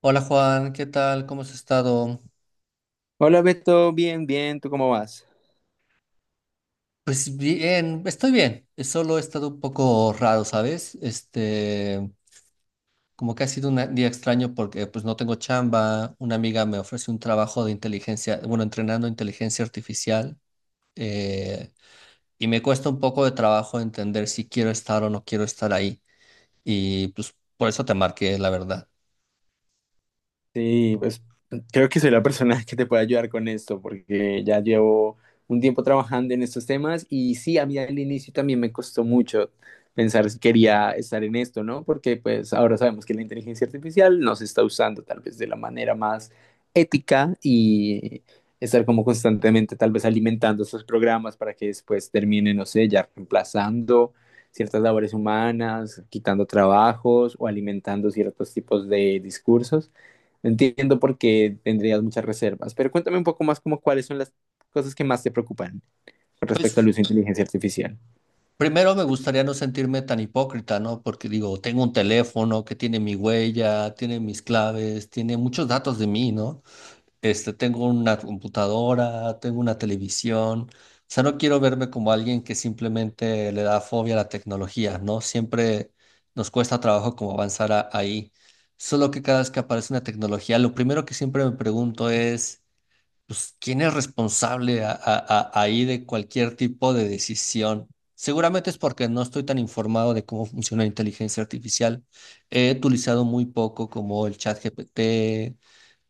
Hola, Juan, ¿qué tal? ¿Cómo has estado? Hola Beto, bien, bien, ¿tú cómo vas? Pues bien, estoy bien. Solo he estado un poco raro, ¿sabes? Este, como que ha sido un día extraño porque pues no tengo chamba. Una amiga me ofrece un trabajo de inteligencia, bueno, entrenando inteligencia artificial, eh, y me cuesta un poco de trabajo entender si quiero estar o no quiero estar ahí. Y pues por eso te marqué, la verdad. Sí, pues creo que soy la persona que te puede ayudar con esto, porque ya llevo un tiempo trabajando en estos temas y sí, a mí al inicio también me costó mucho pensar si quería estar en esto, ¿no? Porque pues ahora sabemos que la inteligencia artificial no se está usando tal vez de la manera más ética y estar como constantemente tal vez alimentando estos programas para que después terminen, no sé, ya reemplazando ciertas labores humanas, quitando trabajos o alimentando ciertos tipos de discursos. Entiendo por qué tendrías muchas reservas, pero cuéntame un poco más como cuáles son las cosas que más te preocupan con respecto al Pues, uso de inteligencia artificial. primero me gustaría no sentirme tan hipócrita, ¿no? Porque digo, tengo un teléfono que tiene mi huella, tiene mis claves, tiene muchos datos de mí, ¿no? Este, tengo una computadora, tengo una televisión. O sea, no quiero verme como alguien que simplemente le da fobia a la tecnología, ¿no? Siempre nos cuesta trabajo como ahí. Solo que cada vez que aparece una tecnología, lo primero que siempre me pregunto es pues, ¿quién es responsable ahí de cualquier tipo de decisión? Seguramente es porque no estoy tan informado de cómo funciona la inteligencia artificial. He utilizado muy poco como el chat GPT,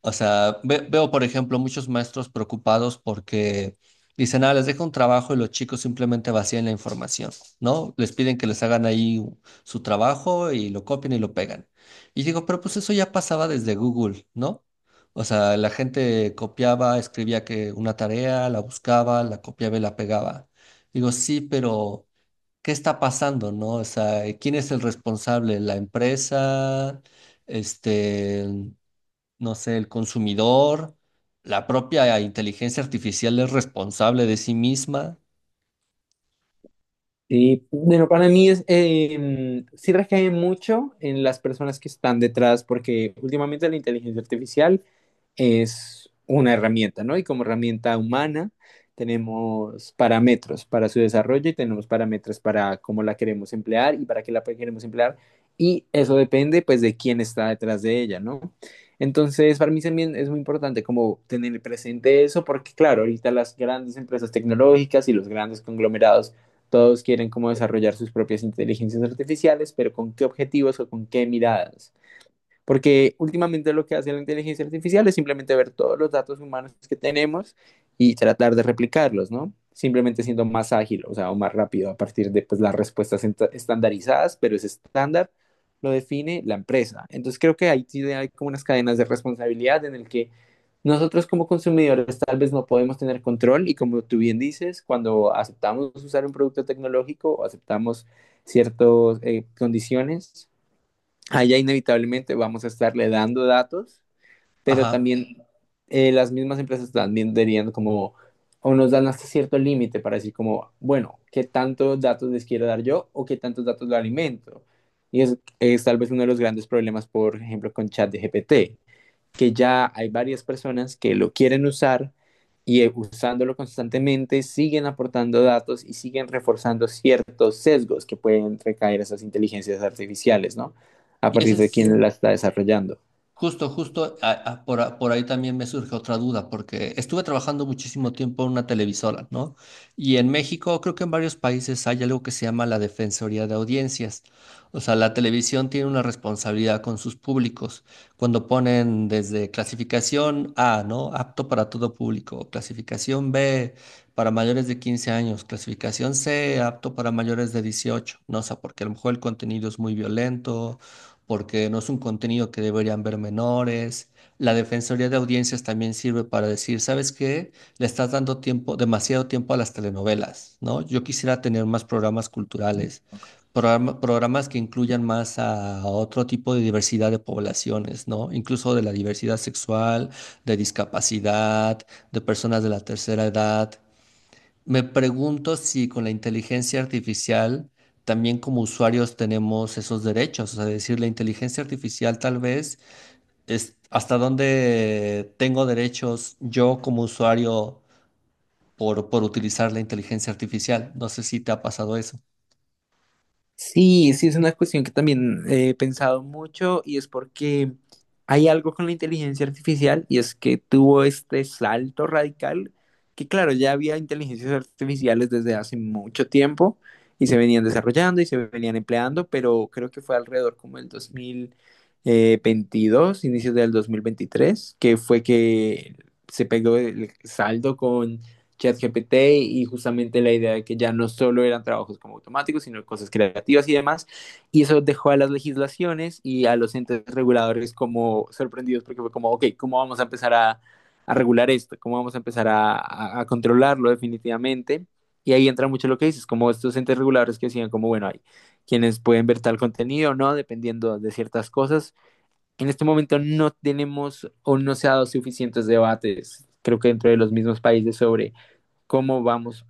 o sea, veo, por ejemplo, muchos maestros preocupados porque dicen, ah, les dejo un trabajo y los chicos simplemente vacían la información, ¿no? Les piden que les hagan su trabajo y lo copian y lo pegan. Y digo, pero pues eso ya pasaba desde Google, ¿no? O sea, la gente copiaba, escribía que una tarea, la buscaba, la copiaba y la pegaba. Digo, sí, pero ¿qué está pasando, no? O sea, ¿quién es el responsable? ¿La empresa? Este, no sé, el consumidor, la propia inteligencia artificial es responsable de sí misma. Sí, bueno, para mí es, sí recae mucho en las personas que están detrás, porque últimamente la inteligencia artificial es una herramienta, ¿no? Y como herramienta humana tenemos parámetros para su desarrollo y tenemos parámetros para cómo la queremos emplear y para qué la queremos emplear. Y eso depende, pues, de quién está detrás de ella, ¿no? Entonces, para mí también es muy importante como tener presente eso, porque claro, ahorita las grandes empresas tecnológicas y los grandes conglomerados todos quieren como desarrollar sus propias inteligencias artificiales, pero ¿con qué objetivos o con qué miradas? Porque últimamente lo que hace la inteligencia artificial es simplemente ver todos los datos humanos que tenemos y tratar de replicarlos, ¿no? Simplemente siendo más ágil, o sea, o más rápido a partir de pues, las respuestas estandarizadas, pero ese estándar lo define la empresa. Entonces creo que ahí sí hay como unas cadenas de responsabilidad en el que nosotros como consumidores tal vez no podemos tener control y como tú bien dices, cuando aceptamos usar un producto tecnológico o aceptamos ciertas condiciones, allá inevitablemente vamos a estarle dando datos, pero Ajá. también las mismas empresas también dirían como, o nos dan hasta cierto límite para decir como, bueno, ¿qué tantos datos les quiero dar yo o qué tantos datos lo alimento? Y es tal vez uno de los grandes problemas, por ejemplo, con ChatGPT, que ya hay varias personas que lo quieren usar y usándolo constantemente siguen aportando datos y siguen reforzando ciertos sesgos que pueden recaer esas inteligencias artificiales, ¿no? A Y ese partir de es... quién la está desarrollando. Justo, justo, por, por ahí también me surge otra duda, porque estuve trabajando muchísimo tiempo en una televisora, ¿no? Y en México, creo que en varios países hay algo que se llama la Defensoría de Audiencias. O sea, la televisión tiene una responsabilidad con sus públicos. Cuando ponen desde clasificación A, ¿no? Apto para todo público. Clasificación B, para mayores de 15 años. Clasificación C, apto para mayores de 18. No, o sea, porque a lo mejor el contenido es muy violento porque no es un contenido que deberían ver menores. La Defensoría de Audiencias también sirve para decir, ¿sabes qué? Le estás dando tiempo, demasiado tiempo a las telenovelas, ¿no? Yo quisiera tener más programas culturales, programas que incluyan más a otro tipo de diversidad de poblaciones, ¿no? Incluso de la diversidad sexual, de discapacidad, de personas de la tercera edad. Me pregunto si con la inteligencia artificial también como usuarios tenemos esos derechos, o sea, decir la inteligencia artificial tal vez es hasta dónde tengo derechos yo como usuario por utilizar la inteligencia artificial. No sé si te ha pasado eso. Sí, sí, es una cuestión que también he pensado mucho y es porque hay algo con la inteligencia artificial y es que tuvo este salto radical que claro, ya había inteligencias artificiales desde hace mucho tiempo y se venían desarrollando y se venían empleando, pero creo que fue alrededor como el dos mil veintidós, inicios del 2023 que fue que se pegó el saldo ChatGPT y justamente la idea de que ya no solo eran trabajos como automáticos, sino cosas creativas y demás. Y eso dejó a las legislaciones y a los entes reguladores como sorprendidos porque fue como, ok, ¿cómo vamos a empezar a regular esto? ¿Cómo vamos a empezar a controlarlo definitivamente? Y ahí entra mucho lo que dices, como estos entes reguladores que decían como, bueno, hay quienes pueden ver tal contenido o no, dependiendo de ciertas cosas. En este momento no tenemos o no se ha dado suficientes debates, creo que dentro de los mismos países sobre cómo vamos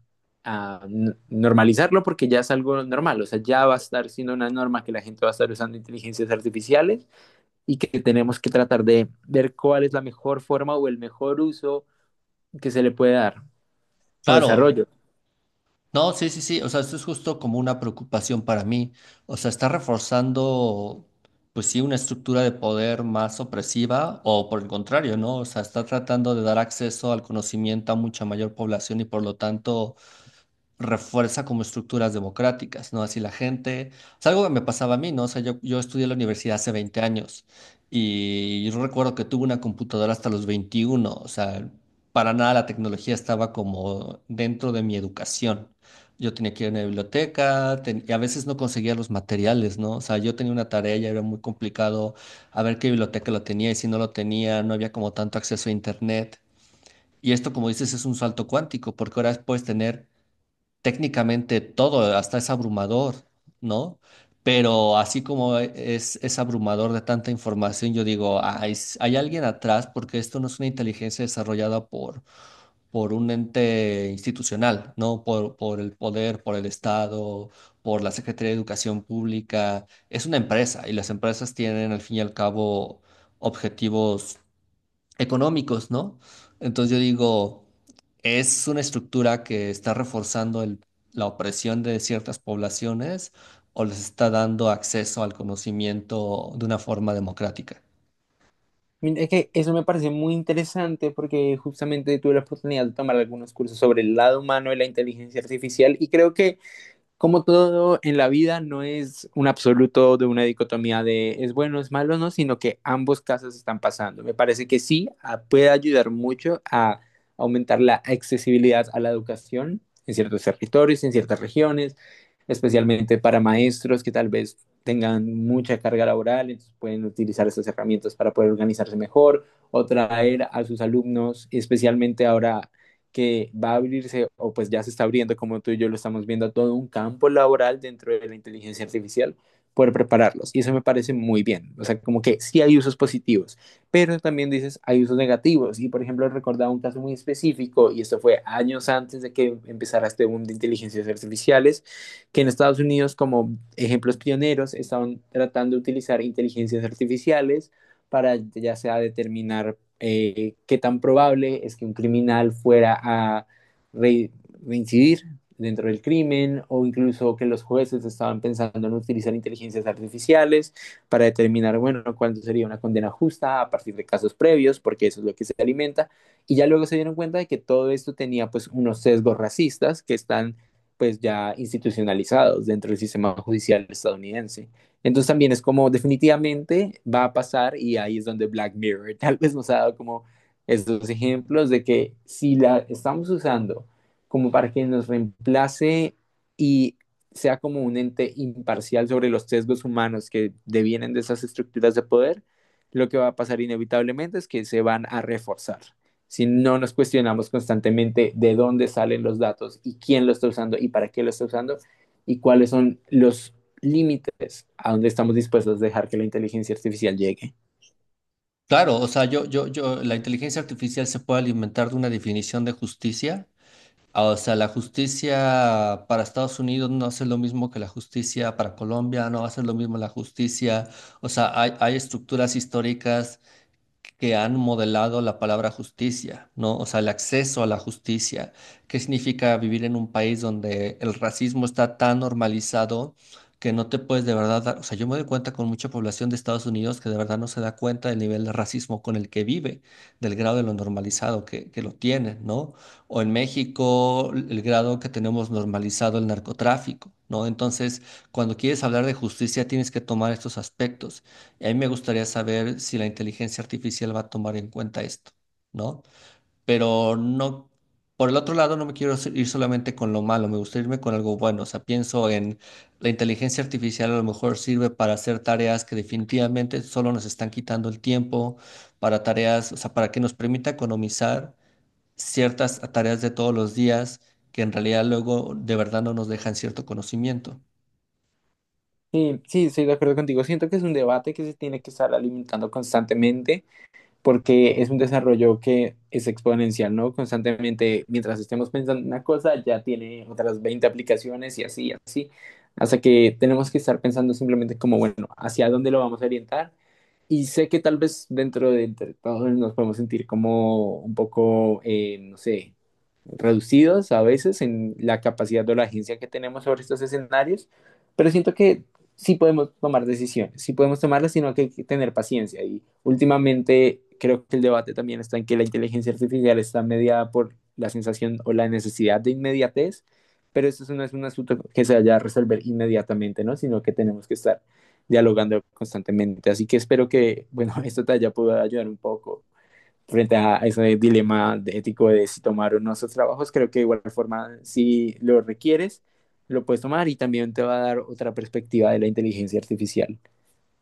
a normalizarlo porque ya es algo normal, o sea, ya va a estar siendo una norma que la gente va a estar usando inteligencias artificiales y que tenemos que tratar de ver cuál es la mejor forma o el mejor uso que se le puede dar o Claro, desarrollo. no, sí, sí, sí, o sea, esto es justo como una preocupación para mí. O sea, está reforzando, pues sí, una estructura de poder más opresiva o por el contrario, ¿no? O sea, está tratando de dar acceso al conocimiento a mucha mayor población y por lo tanto refuerza como estructuras democráticas, ¿no? Así la gente, es algo que me pasaba a mí, ¿no? O sea, yo estudié en la universidad hace 20 años y yo recuerdo que tuve una computadora hasta los 21, o sea, para nada la tecnología estaba como dentro de mi educación. Yo tenía que ir a una y a veces no conseguía los materiales, ¿no? O sea, yo tenía una tarea y era muy complicado a ver qué biblioteca lo tenía y si no lo tenía, no había como tanto acceso a internet. Y esto, como dices, es un salto cuántico, porque ahora puedes tener técnicamente todo, hasta es abrumador, ¿no? Pero así como es abrumador de tanta información, yo digo, hay alguien atrás porque esto no es una inteligencia desarrollada por un ente institucional, ¿no? Por el poder, por el Estado, por la Secretaría de Educación Pública. Es una empresa y las empresas tienen al fin y al cabo objetivos económicos, ¿no? Entonces yo digo, es una estructura que está reforzando la opresión de ciertas poblaciones o les está dando acceso al conocimiento de una forma democrática. Mira, es que eso me parece muy interesante porque justamente tuve la oportunidad de tomar algunos cursos sobre el lado humano de la inteligencia artificial y creo que como todo en la vida no es un absoluto de una dicotomía de es bueno, es malo, no, sino que ambos casos están pasando. Me parece que sí puede ayudar mucho a aumentar la accesibilidad a la educación en ciertos territorios, en ciertas regiones, especialmente para maestros que tal vez tengan mucha carga laboral, entonces pueden utilizar estas herramientas para poder organizarse mejor o traer a sus alumnos, especialmente ahora que va a abrirse, o pues ya se está abriendo, como tú y yo lo estamos viendo, todo un campo laboral dentro de la inteligencia artificial por prepararlos. Y eso me parece muy bien. O sea, como que sí hay usos positivos, pero también dices, hay usos negativos. Y por ejemplo, recordaba un caso muy específico, y esto fue años antes de que empezara este boom de inteligencias artificiales, que en Estados Unidos, como ejemplos pioneros, estaban tratando de utilizar inteligencias artificiales para ya sea determinar qué tan probable es que un criminal fuera a re reincidir dentro del crimen o incluso que los jueces estaban pensando en utilizar inteligencias artificiales para determinar, bueno, cuándo sería una condena justa a partir de casos previos, porque eso es lo que se alimenta. Y ya luego se dieron cuenta de que todo esto tenía pues unos sesgos racistas que están pues ya institucionalizados dentro del sistema judicial estadounidense. Entonces también es como definitivamente va a pasar y ahí es donde Black Mirror tal vez nos ha dado como estos ejemplos de que si la estamos usando como para que nos reemplace y sea como un ente imparcial sobre los sesgos humanos que devienen de esas estructuras de poder, lo que va a pasar inevitablemente es que se van a reforzar. Si no nos cuestionamos constantemente de dónde salen los datos y quién lo está usando y para qué lo está usando y cuáles son los límites a donde estamos dispuestos a dejar que la inteligencia artificial llegue. Claro, o sea, yo, la inteligencia artificial se puede alimentar de una definición de justicia. Ah, o sea, la justicia para Estados Unidos no hace lo mismo que la justicia para Colombia, no hace lo mismo la justicia. O sea, hay estructuras históricas que han modelado la palabra justicia, ¿no? O sea, el acceso a la justicia. ¿Qué significa vivir en un país donde el racismo está tan normalizado que no te puedes de verdad dar? O sea, yo me doy cuenta con mucha población de Estados Unidos que de verdad no se da cuenta del nivel de racismo con el que vive, del grado de lo normalizado que lo tiene, ¿no? O en México, el grado que tenemos normalizado el narcotráfico, ¿no? Entonces, cuando quieres hablar de justicia, tienes que tomar estos aspectos. A mí me gustaría saber si la inteligencia artificial va a tomar en cuenta esto, ¿no? Pero no, por el otro lado, no me quiero ir solamente con lo malo, me gustaría irme con algo bueno. O sea, pienso en la inteligencia artificial a lo mejor sirve para hacer tareas que definitivamente solo nos están quitando el tiempo, para tareas, o sea, para que nos permita economizar ciertas tareas de todos los días que en realidad luego de verdad no nos dejan cierto conocimiento. Sí, sí, estoy de acuerdo contigo. Siento que es un debate que se tiene que estar alimentando constantemente porque es un desarrollo que es exponencial, ¿no? Constantemente, mientras estemos pensando en una cosa, ya tiene otras 20 aplicaciones y así, así, hasta que tenemos que estar pensando simplemente como, bueno, hacia dónde lo vamos a orientar. Y sé que tal vez dentro de entre todos nos podemos sentir como un poco, no sé, reducidos a veces en la capacidad o la agencia que tenemos sobre estos escenarios, pero siento que sí podemos tomar decisiones, sí podemos tomarlas, sino que hay que tener paciencia. Y últimamente creo que el debate también está en que la inteligencia artificial está mediada por la sensación o la necesidad de inmediatez, pero esto no es un asunto que se vaya a resolver inmediatamente, ¿no? Sino que tenemos que estar dialogando constantemente. Así que espero que, bueno, esto te haya podido ayudar un poco frente a ese dilema ético de si tomar o no esos trabajos, creo que de igual forma, si lo requieres, lo puedes tomar y también te va a dar otra perspectiva de la inteligencia artificial.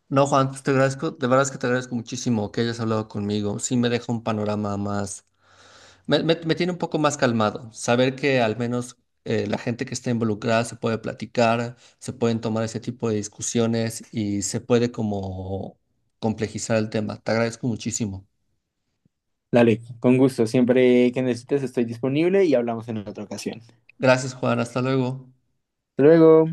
No, Juan, pues te agradezco, de verdad es que te agradezco muchísimo que hayas hablado conmigo. Sí me deja un panorama más, me tiene un poco más calmado. Saber que al menos la gente que está involucrada se puede platicar, se pueden tomar ese tipo de discusiones y se puede como complejizar el tema. Te agradezco muchísimo. Dale, con gusto, siempre que necesites estoy disponible y hablamos en otra ocasión. Gracias, Juan, hasta luego. Hasta luego.